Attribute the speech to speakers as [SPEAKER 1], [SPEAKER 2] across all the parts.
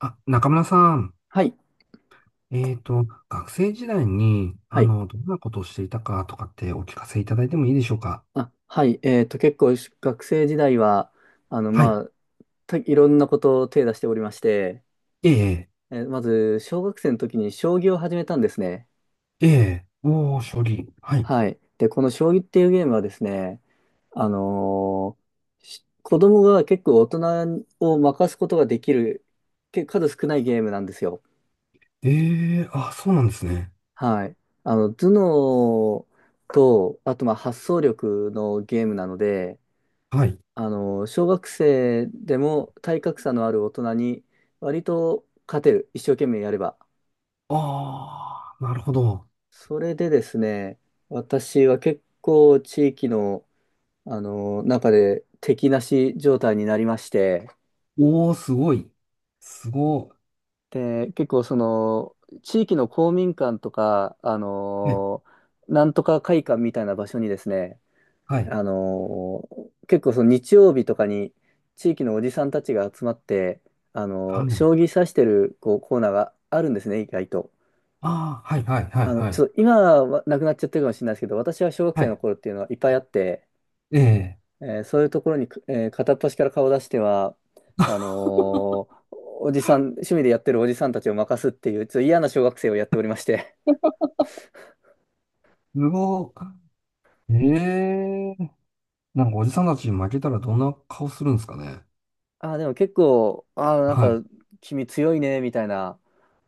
[SPEAKER 1] あ、中村さん、
[SPEAKER 2] はい。
[SPEAKER 1] えっと、学生時代に、
[SPEAKER 2] はい。
[SPEAKER 1] どんなことをしていたかとかってお聞かせいただいてもいいでしょうか？
[SPEAKER 2] あ、はい。結構学生時代は、
[SPEAKER 1] はい。
[SPEAKER 2] まあ、いろんなことを手出しておりまして、
[SPEAKER 1] ええ、
[SPEAKER 2] まず、小学生の時に将棋を始めたんですね。
[SPEAKER 1] ええ、おー、処理。はい。
[SPEAKER 2] はい。で、この将棋っていうゲームはですね、あのーし子供が結構大人を任すことができる、数少ないゲームなんですよ。
[SPEAKER 1] ええ、あ、そうなんですね。
[SPEAKER 2] はい。頭脳と、あと、まあ、発想力のゲームなので、
[SPEAKER 1] はい。
[SPEAKER 2] 小学生でも体格差のある大人に割と勝てる。一生懸命やれば。
[SPEAKER 1] ああ、なるほど。
[SPEAKER 2] それでですね、私は結構地域の、中で敵なし状態になりまして、
[SPEAKER 1] おー、すごい。すご
[SPEAKER 2] で、結構地域の公民館とか、
[SPEAKER 1] い。え、
[SPEAKER 2] なんとか会館みたいな場所にですね、
[SPEAKER 1] はい。
[SPEAKER 2] 結構その日曜日とかに地域のおじさんたちが集まって、
[SPEAKER 1] あ、ね、
[SPEAKER 2] 将棋指してるこうコーナーがあるんですね、意外と。
[SPEAKER 1] あー、はい、はい、はい、は
[SPEAKER 2] ちょ
[SPEAKER 1] い。
[SPEAKER 2] っと今はなくなっちゃってるかもしれないですけど、私は小学
[SPEAKER 1] は
[SPEAKER 2] 生の
[SPEAKER 1] い。
[SPEAKER 2] 頃っていうのはいっぱいあって、
[SPEAKER 1] ええ、
[SPEAKER 2] そういうところに、片っ端から顔を出しては、あのーおじさん、趣味でやってるおじさんたちを任すっていう、ちょっと嫌な小学生をやっておりまして。
[SPEAKER 1] すごい。ええ、なんかおじさんたちに負けたらどんな顔するんですかね。
[SPEAKER 2] ああ、でも結構、ああ、なん
[SPEAKER 1] はい。
[SPEAKER 2] か、君強いね、みたいな、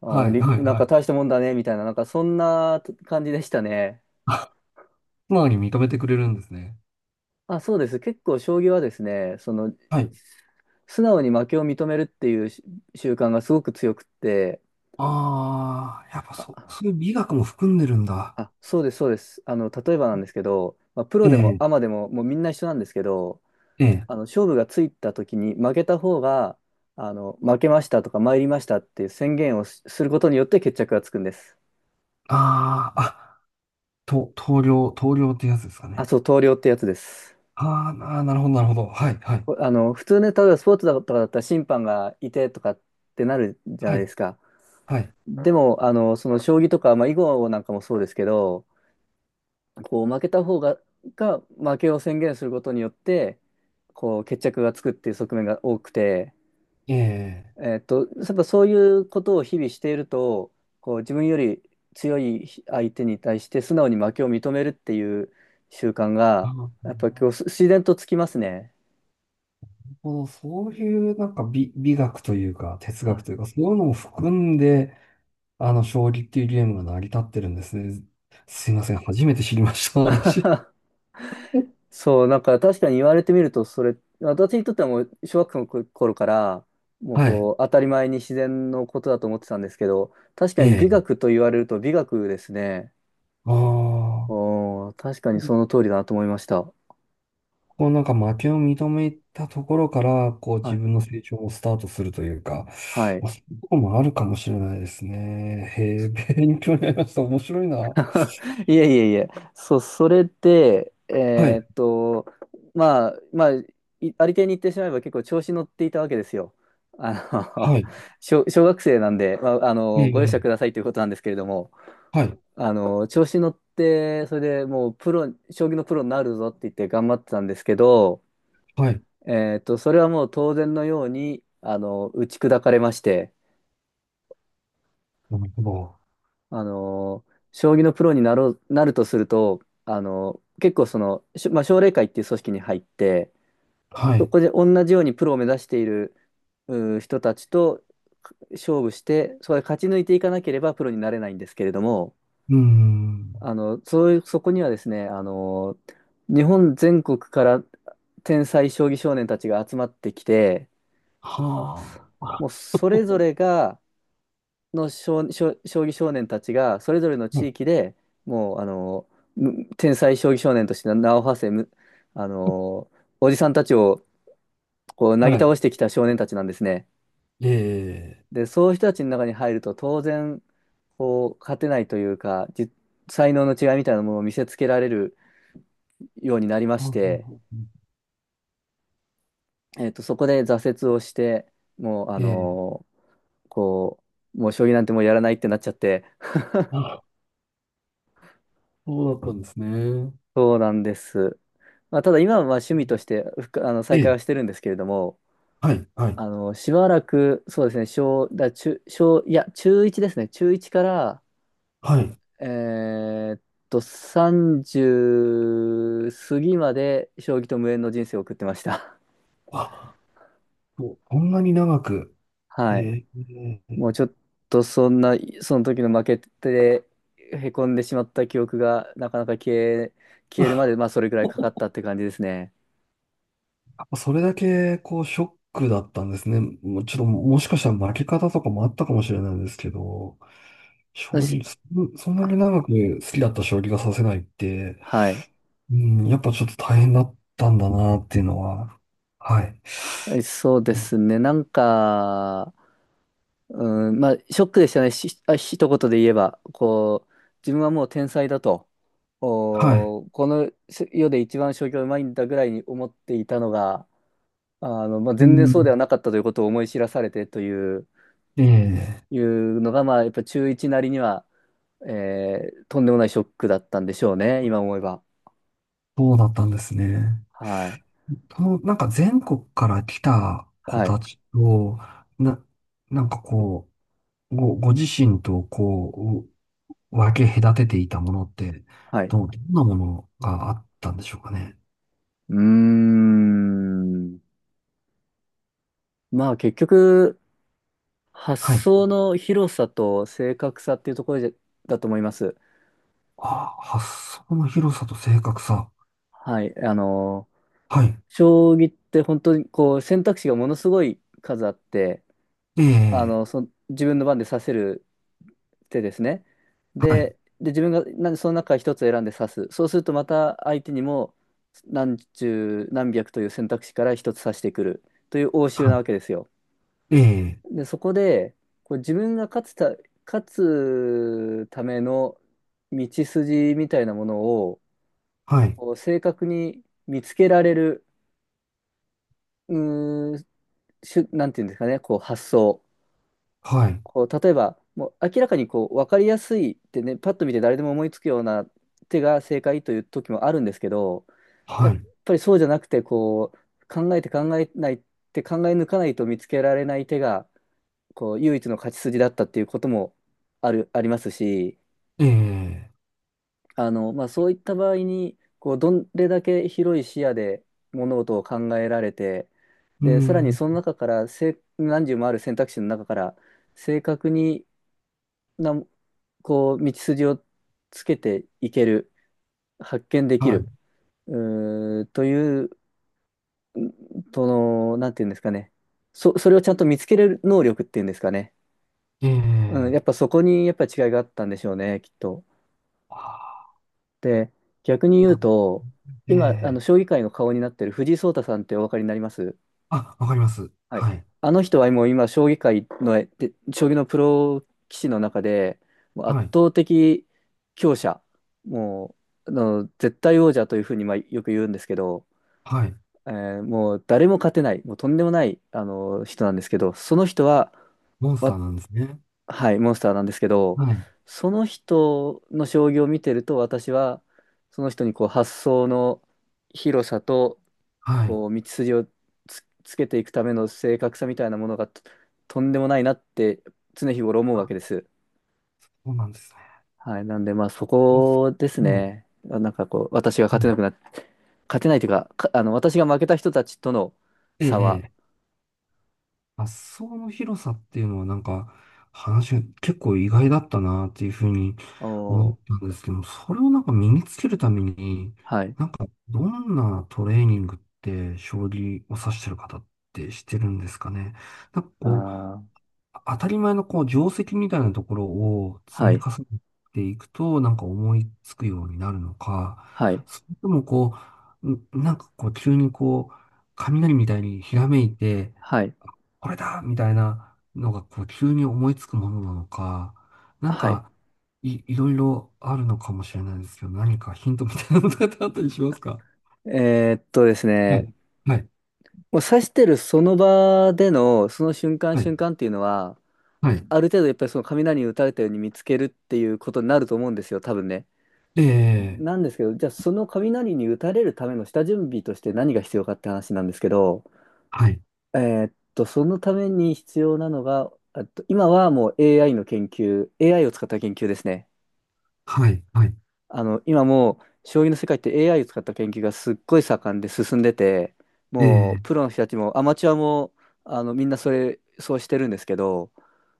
[SPEAKER 2] ああ、
[SPEAKER 1] はい、はい、
[SPEAKER 2] なん
[SPEAKER 1] は
[SPEAKER 2] か
[SPEAKER 1] い。
[SPEAKER 2] 大したもんだね、みたいな、なんかそんな感じでしたね。
[SPEAKER 1] まに認めてくれるんですね。
[SPEAKER 2] あ、そうです。結構将棋はですね、
[SPEAKER 1] はい。
[SPEAKER 2] 素直に負けを認めるっていう習慣がすごく強くって、
[SPEAKER 1] ああ、やっぱ
[SPEAKER 2] あ、
[SPEAKER 1] そ、そういう美学も含んでるんだ。
[SPEAKER 2] あ、そうです、そうです。例えばなんですけど、まあ、プ
[SPEAKER 1] え
[SPEAKER 2] ロでも
[SPEAKER 1] え、
[SPEAKER 2] アマでも、もうみんな一緒なんですけど、
[SPEAKER 1] ええ。
[SPEAKER 2] 勝負がついた時に負けた方が、負けましたとか参りましたっていう宣言をすることによって決着がつくんです。
[SPEAKER 1] ああ、棟梁ってやつですか
[SPEAKER 2] あ、
[SPEAKER 1] ね。
[SPEAKER 2] そう、投了ってやつです。
[SPEAKER 1] あーあー、なるほど、なるほど。はい、はい、
[SPEAKER 2] こあの、普通ね、例えばスポーツだとかだったら審判がいてとかってなるじゃ
[SPEAKER 1] は
[SPEAKER 2] ないで
[SPEAKER 1] い、
[SPEAKER 2] すか。
[SPEAKER 1] はい。
[SPEAKER 2] でも、その将棋とか、まあ、囲碁なんかもそうですけど、こう、負けた方が、負けを宣言することによって、こう、決着がつくっていう側面が多くて、
[SPEAKER 1] ええ、
[SPEAKER 2] やっぱそういうことを日々していると、こう、自分より強い相手に対して素直に負けを認めるっていう習慣
[SPEAKER 1] あ
[SPEAKER 2] が、
[SPEAKER 1] ー、なる
[SPEAKER 2] やっぱ今日自然とつきますね。
[SPEAKER 1] ほど。そういうなんか美学というか、哲
[SPEAKER 2] は
[SPEAKER 1] 学
[SPEAKER 2] い。
[SPEAKER 1] というか、そういうのも含んで、将棋っていうゲームが成り立ってるんですね。すいません。初めて知りました、私。
[SPEAKER 2] そう、なんか確かに言われてみると、それ、私にとってはもう小学校の頃から、もう
[SPEAKER 1] はい。
[SPEAKER 2] こう、当たり前に自然のことだと思ってたんですけど、確かに
[SPEAKER 1] え
[SPEAKER 2] 美
[SPEAKER 1] え、
[SPEAKER 2] 学と言われると美学ですね。
[SPEAKER 1] ああ、
[SPEAKER 2] 確かにその通りだなと思いました。
[SPEAKER 1] こうなんか負けを認めたところから、こう
[SPEAKER 2] は
[SPEAKER 1] 自
[SPEAKER 2] い。
[SPEAKER 1] 分の成長をスタートするというか、
[SPEAKER 2] はい。
[SPEAKER 1] まあ、そういうとこもあるかもしれないですね。へえ、勉強になりました。面白いな。
[SPEAKER 2] いえいえいえ。そう、それで、
[SPEAKER 1] はい、
[SPEAKER 2] まあ、ありていに言ってしまえば結構調子乗っていたわけですよ。あ
[SPEAKER 1] はい、
[SPEAKER 2] の、小学生なんで、まあ、
[SPEAKER 1] え
[SPEAKER 2] ご容赦く
[SPEAKER 1] え、
[SPEAKER 2] ださいということなんですけれども。
[SPEAKER 1] はい、
[SPEAKER 2] 調子乗って、それでもうプロ、将棋のプロになるぞって言って頑張ってたんですけど、
[SPEAKER 1] はい、
[SPEAKER 2] それはもう当然のように、打ち砕かれまして、
[SPEAKER 1] なるほど。
[SPEAKER 2] あの、将棋のプロになろう、なるとすると、結構まあ、奨励会っていう組織に入って、
[SPEAKER 1] は
[SPEAKER 2] そ
[SPEAKER 1] い、
[SPEAKER 2] こで同じようにプロを目指している人たちと勝負して、そこで勝ち抜いていかなければプロになれないんですけれども、
[SPEAKER 1] うーん、
[SPEAKER 2] あの、そういう、そこにはですね、日本全国から天才将棋少年たちが集まってきて、
[SPEAKER 1] は
[SPEAKER 2] もう
[SPEAKER 1] あ、
[SPEAKER 2] それぞれが、の将、将将棋少年たちが、それぞれの
[SPEAKER 1] は
[SPEAKER 2] 地
[SPEAKER 1] い、
[SPEAKER 2] 域でもう、天才将棋少年として名を馳せ、むあの、おじさんたちをこう、なぎ
[SPEAKER 1] はい、
[SPEAKER 2] 倒してきた少年たちなんですね。
[SPEAKER 1] ええ、
[SPEAKER 2] で、そういう人たちの中に入ると、当然、こう、勝てないというか、才能の違いみたいなものを見せつけられるようになりまして、
[SPEAKER 1] あ、
[SPEAKER 2] そこで挫折をして、もう、
[SPEAKER 1] ええ、
[SPEAKER 2] こう、もう将棋なんてもうやらないってなっちゃって、
[SPEAKER 1] あ、そうだったんですね。
[SPEAKER 2] そうなんです。まあ、ただ今はまあ趣味としてふくあの
[SPEAKER 1] え
[SPEAKER 2] 再開は
[SPEAKER 1] え、
[SPEAKER 2] してるんですけれども、
[SPEAKER 1] はい、はい、
[SPEAKER 2] しばらく、そうですね、小、だ、中、小、いや、中1ですね、中1から、
[SPEAKER 1] はい、
[SPEAKER 2] えーっ30過ぎまで将棋と無縁の人生を送ってました。
[SPEAKER 1] あ、こんなに長く。え
[SPEAKER 2] はい。
[SPEAKER 1] え、
[SPEAKER 2] もうちょっとそんな、その時の負けて、へこんでしまった記憶がなかなか消えるまで、まあそれぐらいかかったって感じですね。
[SPEAKER 1] それだけ、こう、ショックだったんですね。もうちょっと、もしかしたら負け方とかもあったかもしれないんですけど、将
[SPEAKER 2] よし
[SPEAKER 1] 棋、そんなに長く好きだった将棋が指せないって、
[SPEAKER 2] はい。
[SPEAKER 1] うん、やっぱちょっと大変だったんだなっていうのは。はい。
[SPEAKER 2] はいそうですね。なんか、うん、まあショックでしたね。一言で言えば、こう、自分はもう天才だと。
[SPEAKER 1] はい。
[SPEAKER 2] この世で一番将棋がうまいんだぐらいに思っていたのが、まあ、
[SPEAKER 1] う
[SPEAKER 2] 全然そうで
[SPEAKER 1] ん、
[SPEAKER 2] はなかったということを思い知らされてという、
[SPEAKER 1] ええ、
[SPEAKER 2] いうのが、まあ、やっぱ中1なりにはとんでもないショックだったんでしょうね、今思えば。
[SPEAKER 1] そうだったんですね。
[SPEAKER 2] はい。
[SPEAKER 1] その、なんか全国から来た子
[SPEAKER 2] はい。
[SPEAKER 1] たちと、な、なんかこう、ご自身と、分け隔てていたものって、
[SPEAKER 2] はい。
[SPEAKER 1] どんなものがあったんでしょうかね。
[SPEAKER 2] うーん。まあ結局、発
[SPEAKER 1] はい。
[SPEAKER 2] 想の広さと正確さっていうところでだと思います。
[SPEAKER 1] ああ、発想の広さと正確さ。
[SPEAKER 2] はい。
[SPEAKER 1] はい。
[SPEAKER 2] 将棋って本当にこう選択肢がものすごい数あって、
[SPEAKER 1] ええ、
[SPEAKER 2] 自分の番で刺せる手ですね。
[SPEAKER 1] はい。
[SPEAKER 2] で、自分がなんでその中から一つ選んで刺す。そうするとまた相手にも何十何百という選択肢から一つ刺してくるという応酬
[SPEAKER 1] は
[SPEAKER 2] な
[SPEAKER 1] い。
[SPEAKER 2] わけですよ。
[SPEAKER 1] ええ、
[SPEAKER 2] で、そこでこう自分が勝つための道筋みたいなものを
[SPEAKER 1] はい。
[SPEAKER 2] こう正確に見つけられる、うーん、なんていうんですかね、こう発想。
[SPEAKER 1] はい。
[SPEAKER 2] こう、例えば、もう明らかにこう、分かりやすいってね、パッと見て誰でも思いつくような手が正解という時もあるんですけど、や
[SPEAKER 1] は
[SPEAKER 2] っ
[SPEAKER 1] い。
[SPEAKER 2] ぱりそうじゃなくて、こう、考えて考え抜かないと見つけられない手が、こう、唯一の勝ち筋だったっていうこともありますし、
[SPEAKER 1] ええ、
[SPEAKER 2] まあ、そういった場合に、こう、どれだけ広い視野で物事を考えられて、
[SPEAKER 1] うー
[SPEAKER 2] で、さらに
[SPEAKER 1] ん。
[SPEAKER 2] その中から、何十もある選択肢の中から、正確にな、こう、道筋をつけていける、発見できる、
[SPEAKER 1] は
[SPEAKER 2] うーという、その、なんていうんですかね。それをちゃんと見つけれる能力っていうんですかね。
[SPEAKER 1] い。え
[SPEAKER 2] うん、やっ
[SPEAKER 1] え、
[SPEAKER 2] ぱそこにやっぱり違いがあったんでしょうね、きっと。
[SPEAKER 1] あ
[SPEAKER 2] で、逆に
[SPEAKER 1] あ、
[SPEAKER 2] 言うと、
[SPEAKER 1] え
[SPEAKER 2] 今、
[SPEAKER 1] え、
[SPEAKER 2] 将棋界の顔になってる藤井聡太さんってお分かりになります？
[SPEAKER 1] あ、わかります。
[SPEAKER 2] はい。
[SPEAKER 1] はい。
[SPEAKER 2] あの人はもう今、将棋界の、で将棋のプロ棋士の中で、もう圧
[SPEAKER 1] はい。
[SPEAKER 2] 倒的強者、もう、絶対王者というふうに、まあ、よく言うんですけど、
[SPEAKER 1] はい。
[SPEAKER 2] もう誰も勝てない、もうとんでもない、人なんですけど、その人は、
[SPEAKER 1] モンスタ
[SPEAKER 2] わ、
[SPEAKER 1] ーなんですね。
[SPEAKER 2] はい、モンスターなんですけど、
[SPEAKER 1] はい。
[SPEAKER 2] その人の将棋を見てると、私は、その人にこう、発想の広さと、
[SPEAKER 1] はい。
[SPEAKER 2] こう、道筋をつけていくための正確さみたいなものがとんでもないなって常日頃思うわ
[SPEAKER 1] あ、
[SPEAKER 2] けです。
[SPEAKER 1] そうなんですね。
[SPEAKER 2] はい。なんで、まあ、そ
[SPEAKER 1] モンス
[SPEAKER 2] こです
[SPEAKER 1] ター。はい。
[SPEAKER 2] ね。なんかこう、私が
[SPEAKER 1] はい。
[SPEAKER 2] 勝てないというか、私が負けた人たちとの
[SPEAKER 1] え
[SPEAKER 2] 差は、
[SPEAKER 1] え、ええ、発想の広さっていうのはなんか話が結構意外だったなっていうふうに
[SPEAKER 2] お
[SPEAKER 1] 思っ
[SPEAKER 2] ー、
[SPEAKER 1] たんですけど、それをなんか身につけるために、
[SPEAKER 2] はい。
[SPEAKER 1] なんかどんなトレーニングって将棋を指してる方ってしてるんですかね。なんか
[SPEAKER 2] あ
[SPEAKER 1] こう、
[SPEAKER 2] ー、
[SPEAKER 1] 当たり前のこう定石みたいなところを積
[SPEAKER 2] は
[SPEAKER 1] み
[SPEAKER 2] い。
[SPEAKER 1] 重ねていくとなんか思いつくようになるのか、
[SPEAKER 2] はい。
[SPEAKER 1] それともこう、なんかこう急にこう、雷みたいにひらめいて、
[SPEAKER 2] はい。
[SPEAKER 1] これだみたいなのが、こう、急に思いつくものなのか、なん
[SPEAKER 2] はい。
[SPEAKER 1] か、いろいろあるのかもしれないですけど、何かヒントみたいなのってあったりしますか？
[SPEAKER 2] です
[SPEAKER 1] は
[SPEAKER 2] ね、
[SPEAKER 1] い、はい、
[SPEAKER 2] もう指してるその場での、その瞬間
[SPEAKER 1] はい、
[SPEAKER 2] 瞬間っていうのは、
[SPEAKER 1] はい、
[SPEAKER 2] ある程度やっぱりその雷に打たれたように見つけるっていうことになると思うんですよ、多分ね。
[SPEAKER 1] ええ、
[SPEAKER 2] なんですけど、じゃあその雷に打たれるための下準備として何が必要かって話なんですけど、
[SPEAKER 1] はい、
[SPEAKER 2] えそのために必要なのが、今はもう AI の研究、AI を使った研究ですね。
[SPEAKER 1] はい、はい、
[SPEAKER 2] 今もう将棋の世界って AI を使った研究がすっごい盛んで進んでて、
[SPEAKER 1] え
[SPEAKER 2] もう
[SPEAKER 1] え、
[SPEAKER 2] プロの人たちもアマチュアもみんなそうしてるんですけど、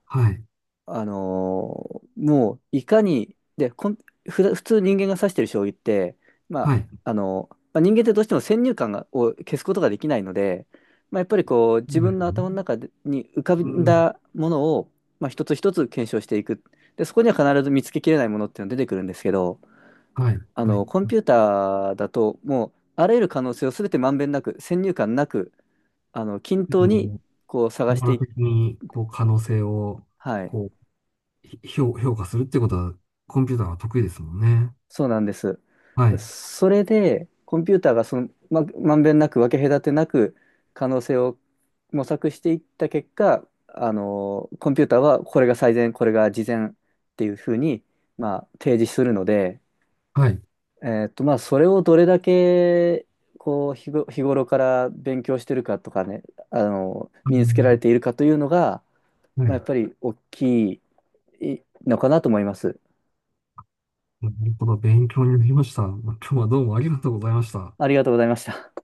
[SPEAKER 1] はい、
[SPEAKER 2] もういかに、で、こん、ふだ普通人間が指してる将棋って、ま
[SPEAKER 1] はい、
[SPEAKER 2] まあ、人間ってどうしても先入観を消すことができないので、まあ、やっぱりこう
[SPEAKER 1] そ
[SPEAKER 2] 自
[SPEAKER 1] うで
[SPEAKER 2] 分
[SPEAKER 1] す
[SPEAKER 2] の頭の
[SPEAKER 1] ね、
[SPEAKER 2] 中に浮か
[SPEAKER 1] う
[SPEAKER 2] ん
[SPEAKER 1] ん、
[SPEAKER 2] だものを、まあ、一つ一つ検証していく。で、そこには必ず見つけきれないものっていうのが出てくるんですけど、
[SPEAKER 1] はい、はい。
[SPEAKER 2] コンピューターだと、もう、あらゆる可能性を全てまんべんなく、先入観なく、均
[SPEAKER 1] で
[SPEAKER 2] 等に、
[SPEAKER 1] も、
[SPEAKER 2] こう、探
[SPEAKER 1] 網
[SPEAKER 2] して
[SPEAKER 1] 羅
[SPEAKER 2] い、
[SPEAKER 1] 的に、こう、可能性を、
[SPEAKER 2] はい。
[SPEAKER 1] こう、評価するってことは、コンピューターは得意ですもんね。
[SPEAKER 2] そうなんです。
[SPEAKER 1] はい、
[SPEAKER 2] それで、コンピューターがその、まんべんなく、分け隔てなく、可能性を模索していった結果、コンピューターはこれが最善、これが次善っていうふうに、まあ、提示するので、
[SPEAKER 1] はい、
[SPEAKER 2] まあ、それをどれだけ、こう、日頃から勉強してるかとかね、
[SPEAKER 1] あ
[SPEAKER 2] 身につけ
[SPEAKER 1] の、
[SPEAKER 2] られているかというのが、
[SPEAKER 1] は
[SPEAKER 2] まあ、やっ
[SPEAKER 1] い。
[SPEAKER 2] ぱり大きいのかなと思います。
[SPEAKER 1] なるほど、勉強になりました。今日はどうもありがとうございました。
[SPEAKER 2] ありがとうございました。